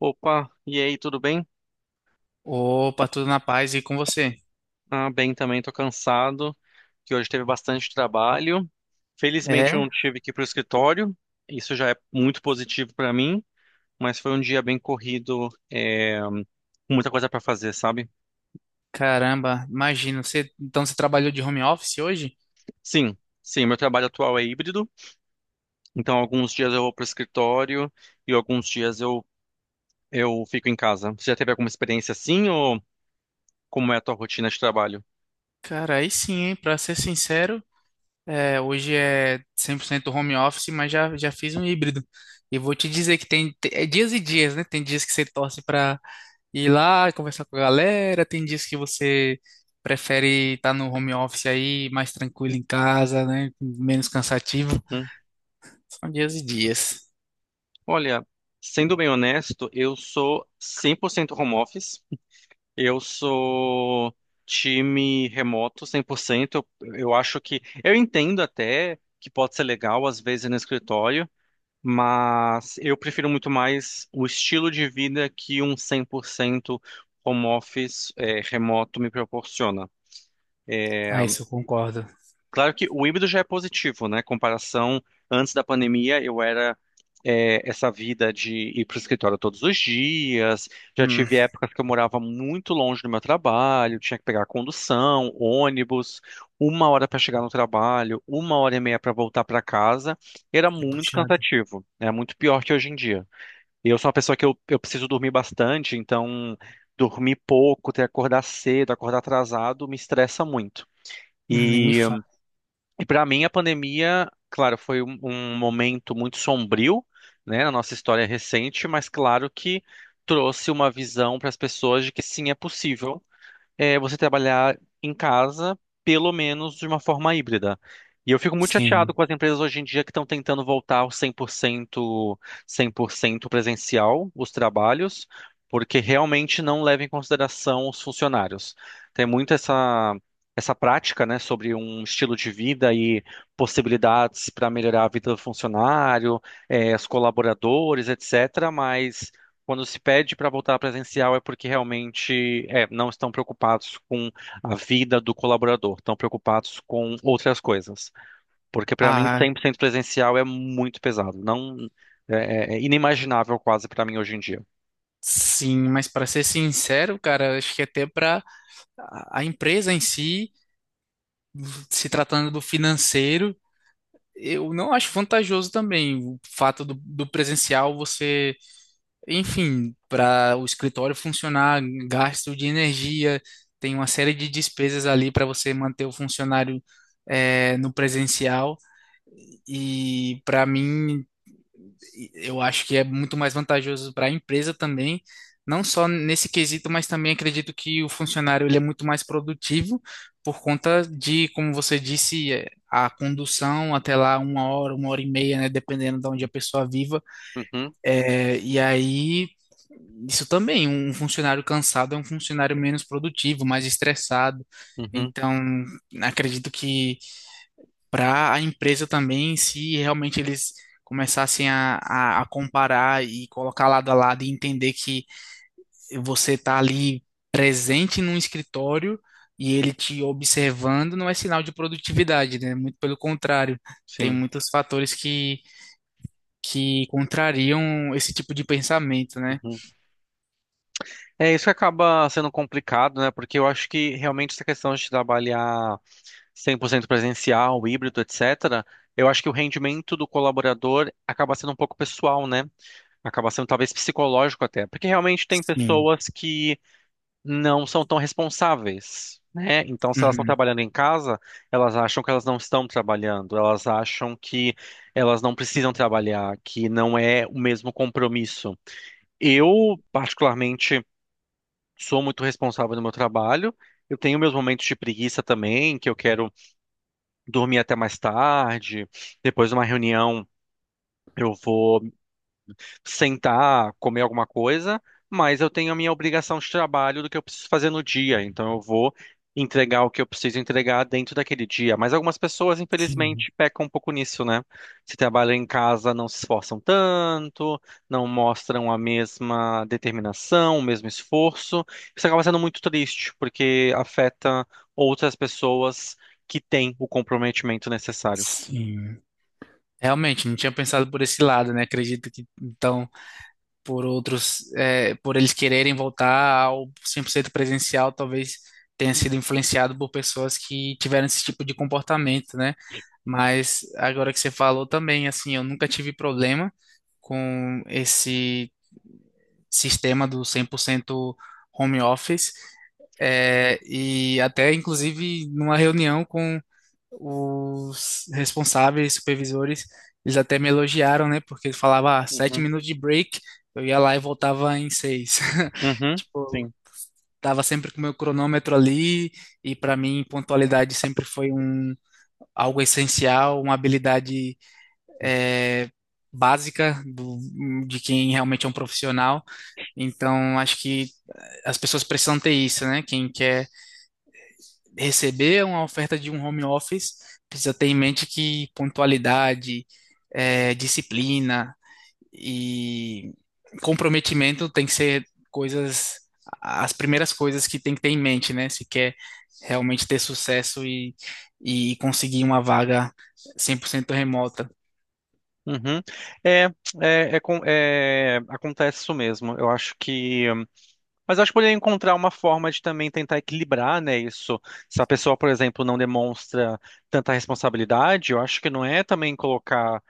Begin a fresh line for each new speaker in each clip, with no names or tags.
Opa, e aí, tudo bem?
Opa, tudo na paz, e com você?
Ah, bem também, tô cansado, que hoje teve bastante trabalho. Felizmente eu não
É?
tive que ir pro escritório, isso já é muito positivo para mim, mas foi um dia bem corrido, com muita coisa para fazer, sabe?
Caramba, imagino. Então você trabalhou de home office hoje?
Sim, sim, meu trabalho atual é híbrido, então alguns dias eu vou pro escritório e alguns dias eu fico em casa. Você já teve alguma experiência assim ou como é a tua rotina de trabalho?
Cara, aí sim, hein? Pra ser sincero, hoje é 100% home office, mas já fiz um híbrido. E vou te dizer que é dias e dias, né? Tem dias que você torce pra ir lá conversar com a galera, tem dias que você prefere estar no home office aí, mais tranquilo em casa, né? Menos cansativo.
Uhum.
São dias e dias.
Olha, sendo bem honesto, eu sou 100% home office. Eu sou time remoto 100%. Eu acho que. Eu entendo até que pode ser legal, às vezes, no escritório, mas eu prefiro muito mais o estilo de vida que um 100% home office, remoto me proporciona.
Ah, isso eu concordo.
Claro que o híbrido já é positivo, né? Comparação, antes da pandemia, eu era essa vida de ir para o escritório todos os dias. Já
Hum,
tive épocas que eu morava muito longe do meu trabalho, tinha que pegar condução, ônibus, uma hora para chegar no trabalho, uma hora e meia para voltar para casa. Era
é
muito
puxado.
cansativo, é muito pior que hoje em dia. E eu sou uma pessoa que eu preciso dormir bastante, então dormir pouco, ter que acordar cedo, acordar atrasado, me estressa muito.
Não, nem me
E
fala.
e para mim, a pandemia, claro, foi um momento muito sombrio, né, na nossa história recente, mas claro que trouxe uma visão para as pessoas de que sim, é possível você trabalhar em casa, pelo menos de uma forma híbrida. E eu fico muito chateado
Sim.
com as empresas hoje em dia que estão tentando voltar ao 100% presencial, os trabalhos, porque realmente não levam em consideração os funcionários. Tem muito essa prática, né, sobre um estilo de vida e possibilidades para melhorar a vida do funcionário, os colaboradores, etc. Mas quando se pede para voltar presencial é porque realmente não estão preocupados com a vida do colaborador, estão preocupados com outras coisas. Porque para mim
Ah,
100% presencial é muito pesado, não é, é inimaginável quase para mim hoje em dia.
sim, mas para ser sincero, cara, acho que até para a empresa em si, se tratando do financeiro, eu não acho vantajoso também o fato do presencial você, enfim, para o escritório funcionar, gasto de energia, tem uma série de despesas ali para você manter o funcionário, no presencial. E para mim, eu acho que é muito mais vantajoso para a empresa também, não só nesse quesito, mas também acredito que o funcionário ele é muito mais produtivo por conta de, como você disse, é, a condução até lá uma hora e meia, né, dependendo de onde a pessoa viva.
Uhum,
É, e aí, isso também, um funcionário cansado é um funcionário menos produtivo, mais estressado.
uhum,
Então, acredito que para a empresa também, se realmente eles começassem a comparar e colocar lado a lado e entender que você está ali presente num escritório e ele te observando, não é sinal de produtividade, né? Muito pelo contrário, tem
sim.
muitos fatores que contrariam esse tipo de pensamento, né?
Uhum. É isso que acaba sendo complicado, né? Porque eu acho que realmente essa questão de trabalhar 100% presencial, híbrido, etc., eu acho que o rendimento do colaborador acaba sendo um pouco pessoal, né? Acaba sendo talvez psicológico até, porque realmente tem
Sim.
pessoas que não são tão responsáveis, né? Então, se elas estão
Uhum.
trabalhando em casa, elas acham que elas não estão trabalhando, elas acham que elas não precisam trabalhar, que não é o mesmo compromisso. Eu, particularmente, sou muito responsável no meu trabalho. Eu tenho meus momentos de preguiça também, que eu quero dormir até mais tarde, depois de uma reunião. Eu vou sentar, comer alguma coisa, mas eu tenho a minha obrigação de trabalho do que eu preciso fazer no dia, então eu vou entregar o que eu preciso entregar dentro daquele dia. Mas algumas pessoas,
Sim.
infelizmente, pecam um pouco nisso, né? Se trabalham em casa, não se esforçam tanto, não mostram a mesma determinação, o mesmo esforço. Isso acaba sendo muito triste, porque afeta outras pessoas que têm o comprometimento necessário.
Sim. Realmente, não tinha pensado por esse lado, né? Acredito que então, por outros, é, por eles quererem voltar ao 100% presencial, talvez tenha sido influenciado por pessoas que tiveram esse tipo de comportamento, né? Mas agora que você falou também, assim, eu nunca tive problema com esse sistema do 100% home office. É, e até, inclusive, numa reunião com os responsáveis, supervisores, eles até me elogiaram, né? Porque eles falavam, ah, sete
Uhum,
minutos de break, eu ia lá e voltava em seis.
uhum,
Tipo,
sim.
tava sempre com o meu cronômetro ali, e para mim, pontualidade sempre foi um, algo essencial, uma habilidade, eh, básica do, de quem realmente é um profissional. Então, acho que as pessoas precisam ter isso, né? Quem quer receber uma oferta de um home office, precisa ter em mente que pontualidade, disciplina e comprometimento tem que ser coisas, as primeiras coisas que tem que ter em mente, né? Se quer realmente ter sucesso e conseguir uma vaga 100% remota.
Uhum. É, é, acontece isso mesmo. Eu acho que. Mas eu acho que poderia encontrar uma forma de também tentar equilibrar, né, isso. Se a pessoa, por exemplo, não demonstra tanta responsabilidade, eu acho que não é também colocar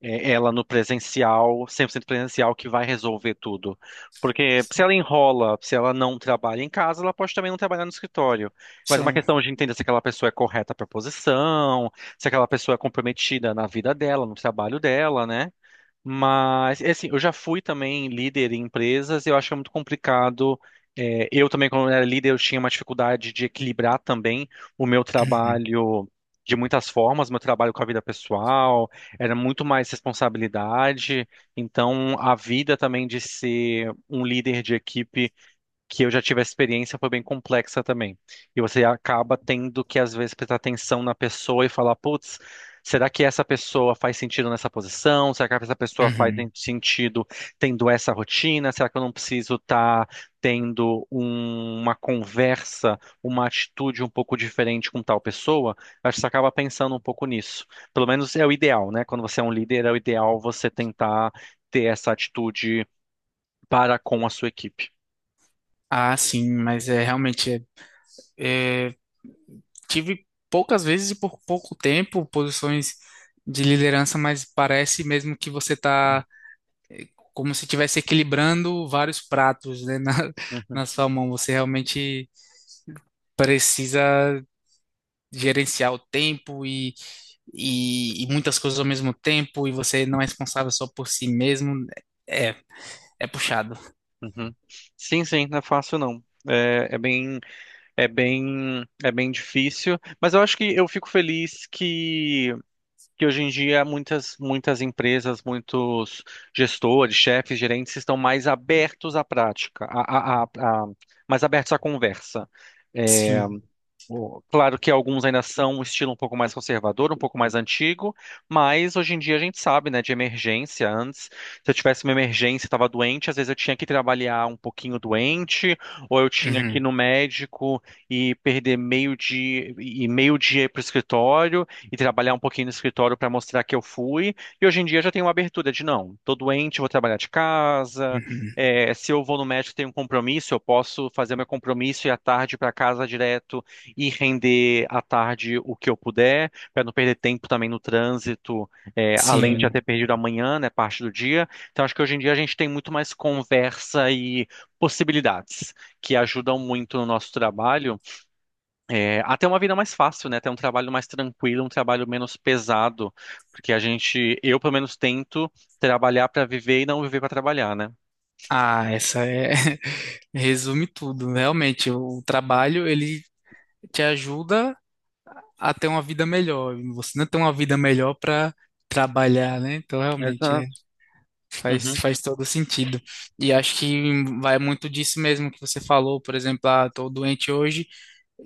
ela no presencial, 100% presencial, que vai resolver tudo. Porque se ela enrola, se ela não trabalha em casa, ela pode também não trabalhar no escritório. Mas é uma
Sim.
questão de entender se aquela pessoa é correta para a posição, se aquela pessoa é comprometida na vida dela, no trabalho dela, né? Mas, é assim, eu já fui também líder em empresas, e eu acho que é muito complicado. É, eu também, quando era líder, eu tinha uma dificuldade de equilibrar também o meu
Uhum.
trabalho de muitas formas, meu trabalho com a vida pessoal, era muito mais responsabilidade. Então, a vida também de ser um líder de equipe que eu já tive a experiência foi bem complexa também. E você acaba tendo que, às vezes, prestar atenção na pessoa e falar, putz, será que essa pessoa faz sentido nessa posição? Será que essa pessoa faz
Uhum.
en- sentido tendo essa rotina? Será que eu não preciso estar tendo uma conversa, uma atitude um pouco diferente com tal pessoa? Acho que você acaba pensando um pouco nisso. Pelo menos é o ideal, né? Quando você é um líder, é o ideal você tentar ter essa atitude para com a sua equipe.
Ah, sim, mas é realmente. É, tive poucas vezes e por pouco tempo posições de liderança, mas parece mesmo que você está como se estivesse equilibrando vários pratos, né, na sua mão. Você realmente precisa gerenciar o tempo e muitas coisas ao mesmo tempo, e você não é responsável só por si mesmo. É, é puxado.
Uhum. Sim, sim, não é fácil não. É, é bem difícil, mas eu acho que eu fico feliz que hoje em dia muitas, muitas empresas, muitos gestores, chefes, gerentes estão mais abertos à prática, mais abertos à conversa.
Sim.
Claro que alguns ainda são um estilo um pouco mais conservador, um pouco mais antigo, mas hoje em dia a gente sabe, né, de emergência. Antes, se eu tivesse uma emergência, estava doente, às vezes eu tinha que trabalhar um pouquinho doente, ou eu tinha que ir
Uhum,
no médico e perder meio dia e meio dia para o escritório e trabalhar um pouquinho no escritório para mostrar que eu fui. E hoje em dia já tem uma abertura de não, tô doente, vou trabalhar de casa.
uhum.
Se eu vou no médico, e tenho um compromisso, eu posso fazer meu compromisso e ir à tarde para casa direto e render à tarde o que eu puder, para não perder tempo também no trânsito, além de já
Sim.
ter perdido amanhã, né, parte do dia. Então, acho que hoje em dia a gente tem muito mais conversa e possibilidades que ajudam muito no nosso trabalho, até uma vida mais fácil, né, até um trabalho mais tranquilo, um trabalho menos pesado, porque a gente, eu pelo menos tento trabalhar para viver e não viver para trabalhar, né?
Ah, essa é. Resume tudo, realmente. O trabalho, ele te ajuda a ter uma vida melhor. E você não tem uma vida melhor para trabalhar, né? Então, realmente, é,
Exato.
faz,
Uhum,
faz todo sentido. E acho que vai muito disso mesmo que você falou, por exemplo, ah, tô doente hoje,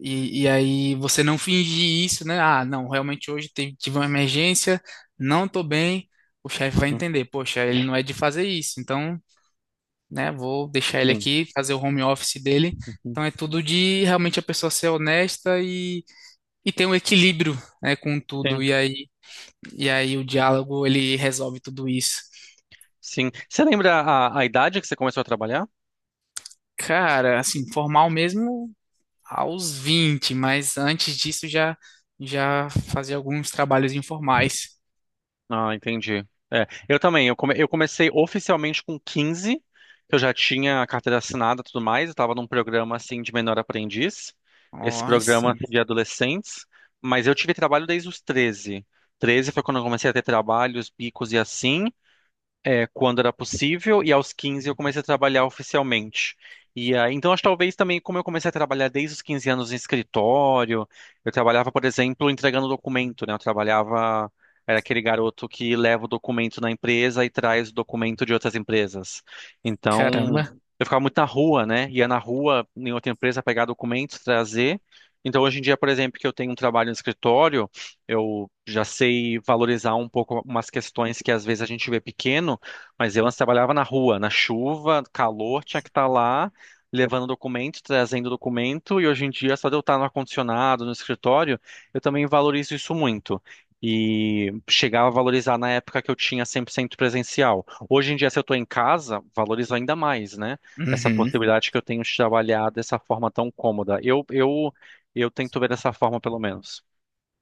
e aí você não fingir isso, né? Ah, não, realmente tive uma emergência, não tô bem, o chefe vai
uhum,
entender, poxa, ele não é de fazer isso, então, né, vou deixar ele
sim,
aqui, fazer o home office dele.
uhum,
Então é tudo de realmente a pessoa ser honesta e tem um equilíbrio, né, com tudo,
sim,
e aí o diálogo ele resolve tudo isso.
sim. Você lembra a idade que você começou a trabalhar?
Cara, assim, formal mesmo aos 20, mas antes disso já fazia alguns trabalhos informais.
Ah, entendi. É, eu também. Eu comecei oficialmente com 15. Eu já tinha a carteira assinada e tudo mais. Eu estava num programa assim de menor aprendiz,
Ó,
esse
aí
programa
sim,
assim, de adolescentes. Mas eu tive trabalho desde os 13. 13 foi quando eu comecei a ter trabalhos, bicos e assim, quando era possível, e aos 15 eu comecei a trabalhar oficialmente. E aí, então, acho que talvez também, como eu comecei a trabalhar desde os 15 anos em escritório, eu trabalhava, por exemplo, entregando documento, né? Eu trabalhava, era aquele garoto que leva o documento na empresa e traz o documento de outras empresas. Então,
caramba.
eu ficava muito na rua, né? Ia na rua, em outra empresa, pegar documentos, trazer. Então, hoje em dia, por exemplo, que eu tenho um trabalho no escritório, eu já sei valorizar um pouco umas questões que às vezes a gente vê pequeno, mas eu antes trabalhava na rua, na chuva, calor, tinha que estar lá levando documento, trazendo documento, e hoje em dia, só de eu estar no ar-condicionado, no escritório, eu também valorizo isso muito. E chegava a valorizar na época que eu tinha 100% presencial. Hoje em dia, se eu estou em casa, valorizo ainda mais, né? Essa
Uhum.
possibilidade que eu tenho de trabalhar dessa forma tão cômoda. Eu tento ver dessa forma, pelo menos.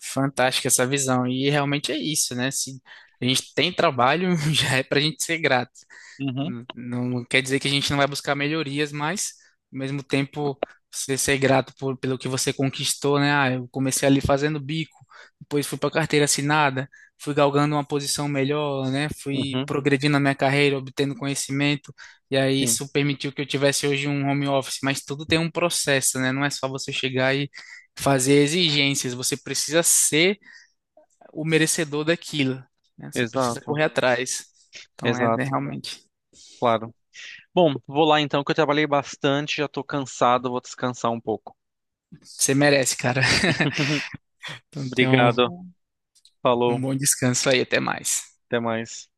Fantástica essa visão. E realmente é isso, né? Se a gente tem trabalho, já é pra gente ser grato.
Uhum,
Não, não quer dizer que a gente não vai buscar melhorias, mas ao mesmo tempo você ser grato por, pelo que você conquistou, né? Ah, eu comecei ali fazendo bico, depois fui para carteira assinada, fui galgando uma posição melhor, né? Fui
uhum,
progredindo na minha carreira, obtendo conhecimento, e aí
sim,
isso permitiu que eu tivesse hoje um home office, mas tudo tem um processo, né? Não é só você chegar e fazer exigências, você precisa ser o merecedor daquilo, né? Você precisa
exato,
correr atrás. Então é, é
exato,
realmente.
claro. Bom, vou lá então, que eu trabalhei bastante, já tô cansado, vou descansar um pouco.
Você merece, cara. Então, tenha
Obrigado.
um, um
Falou,
bom descanso aí. Até mais.
até mais.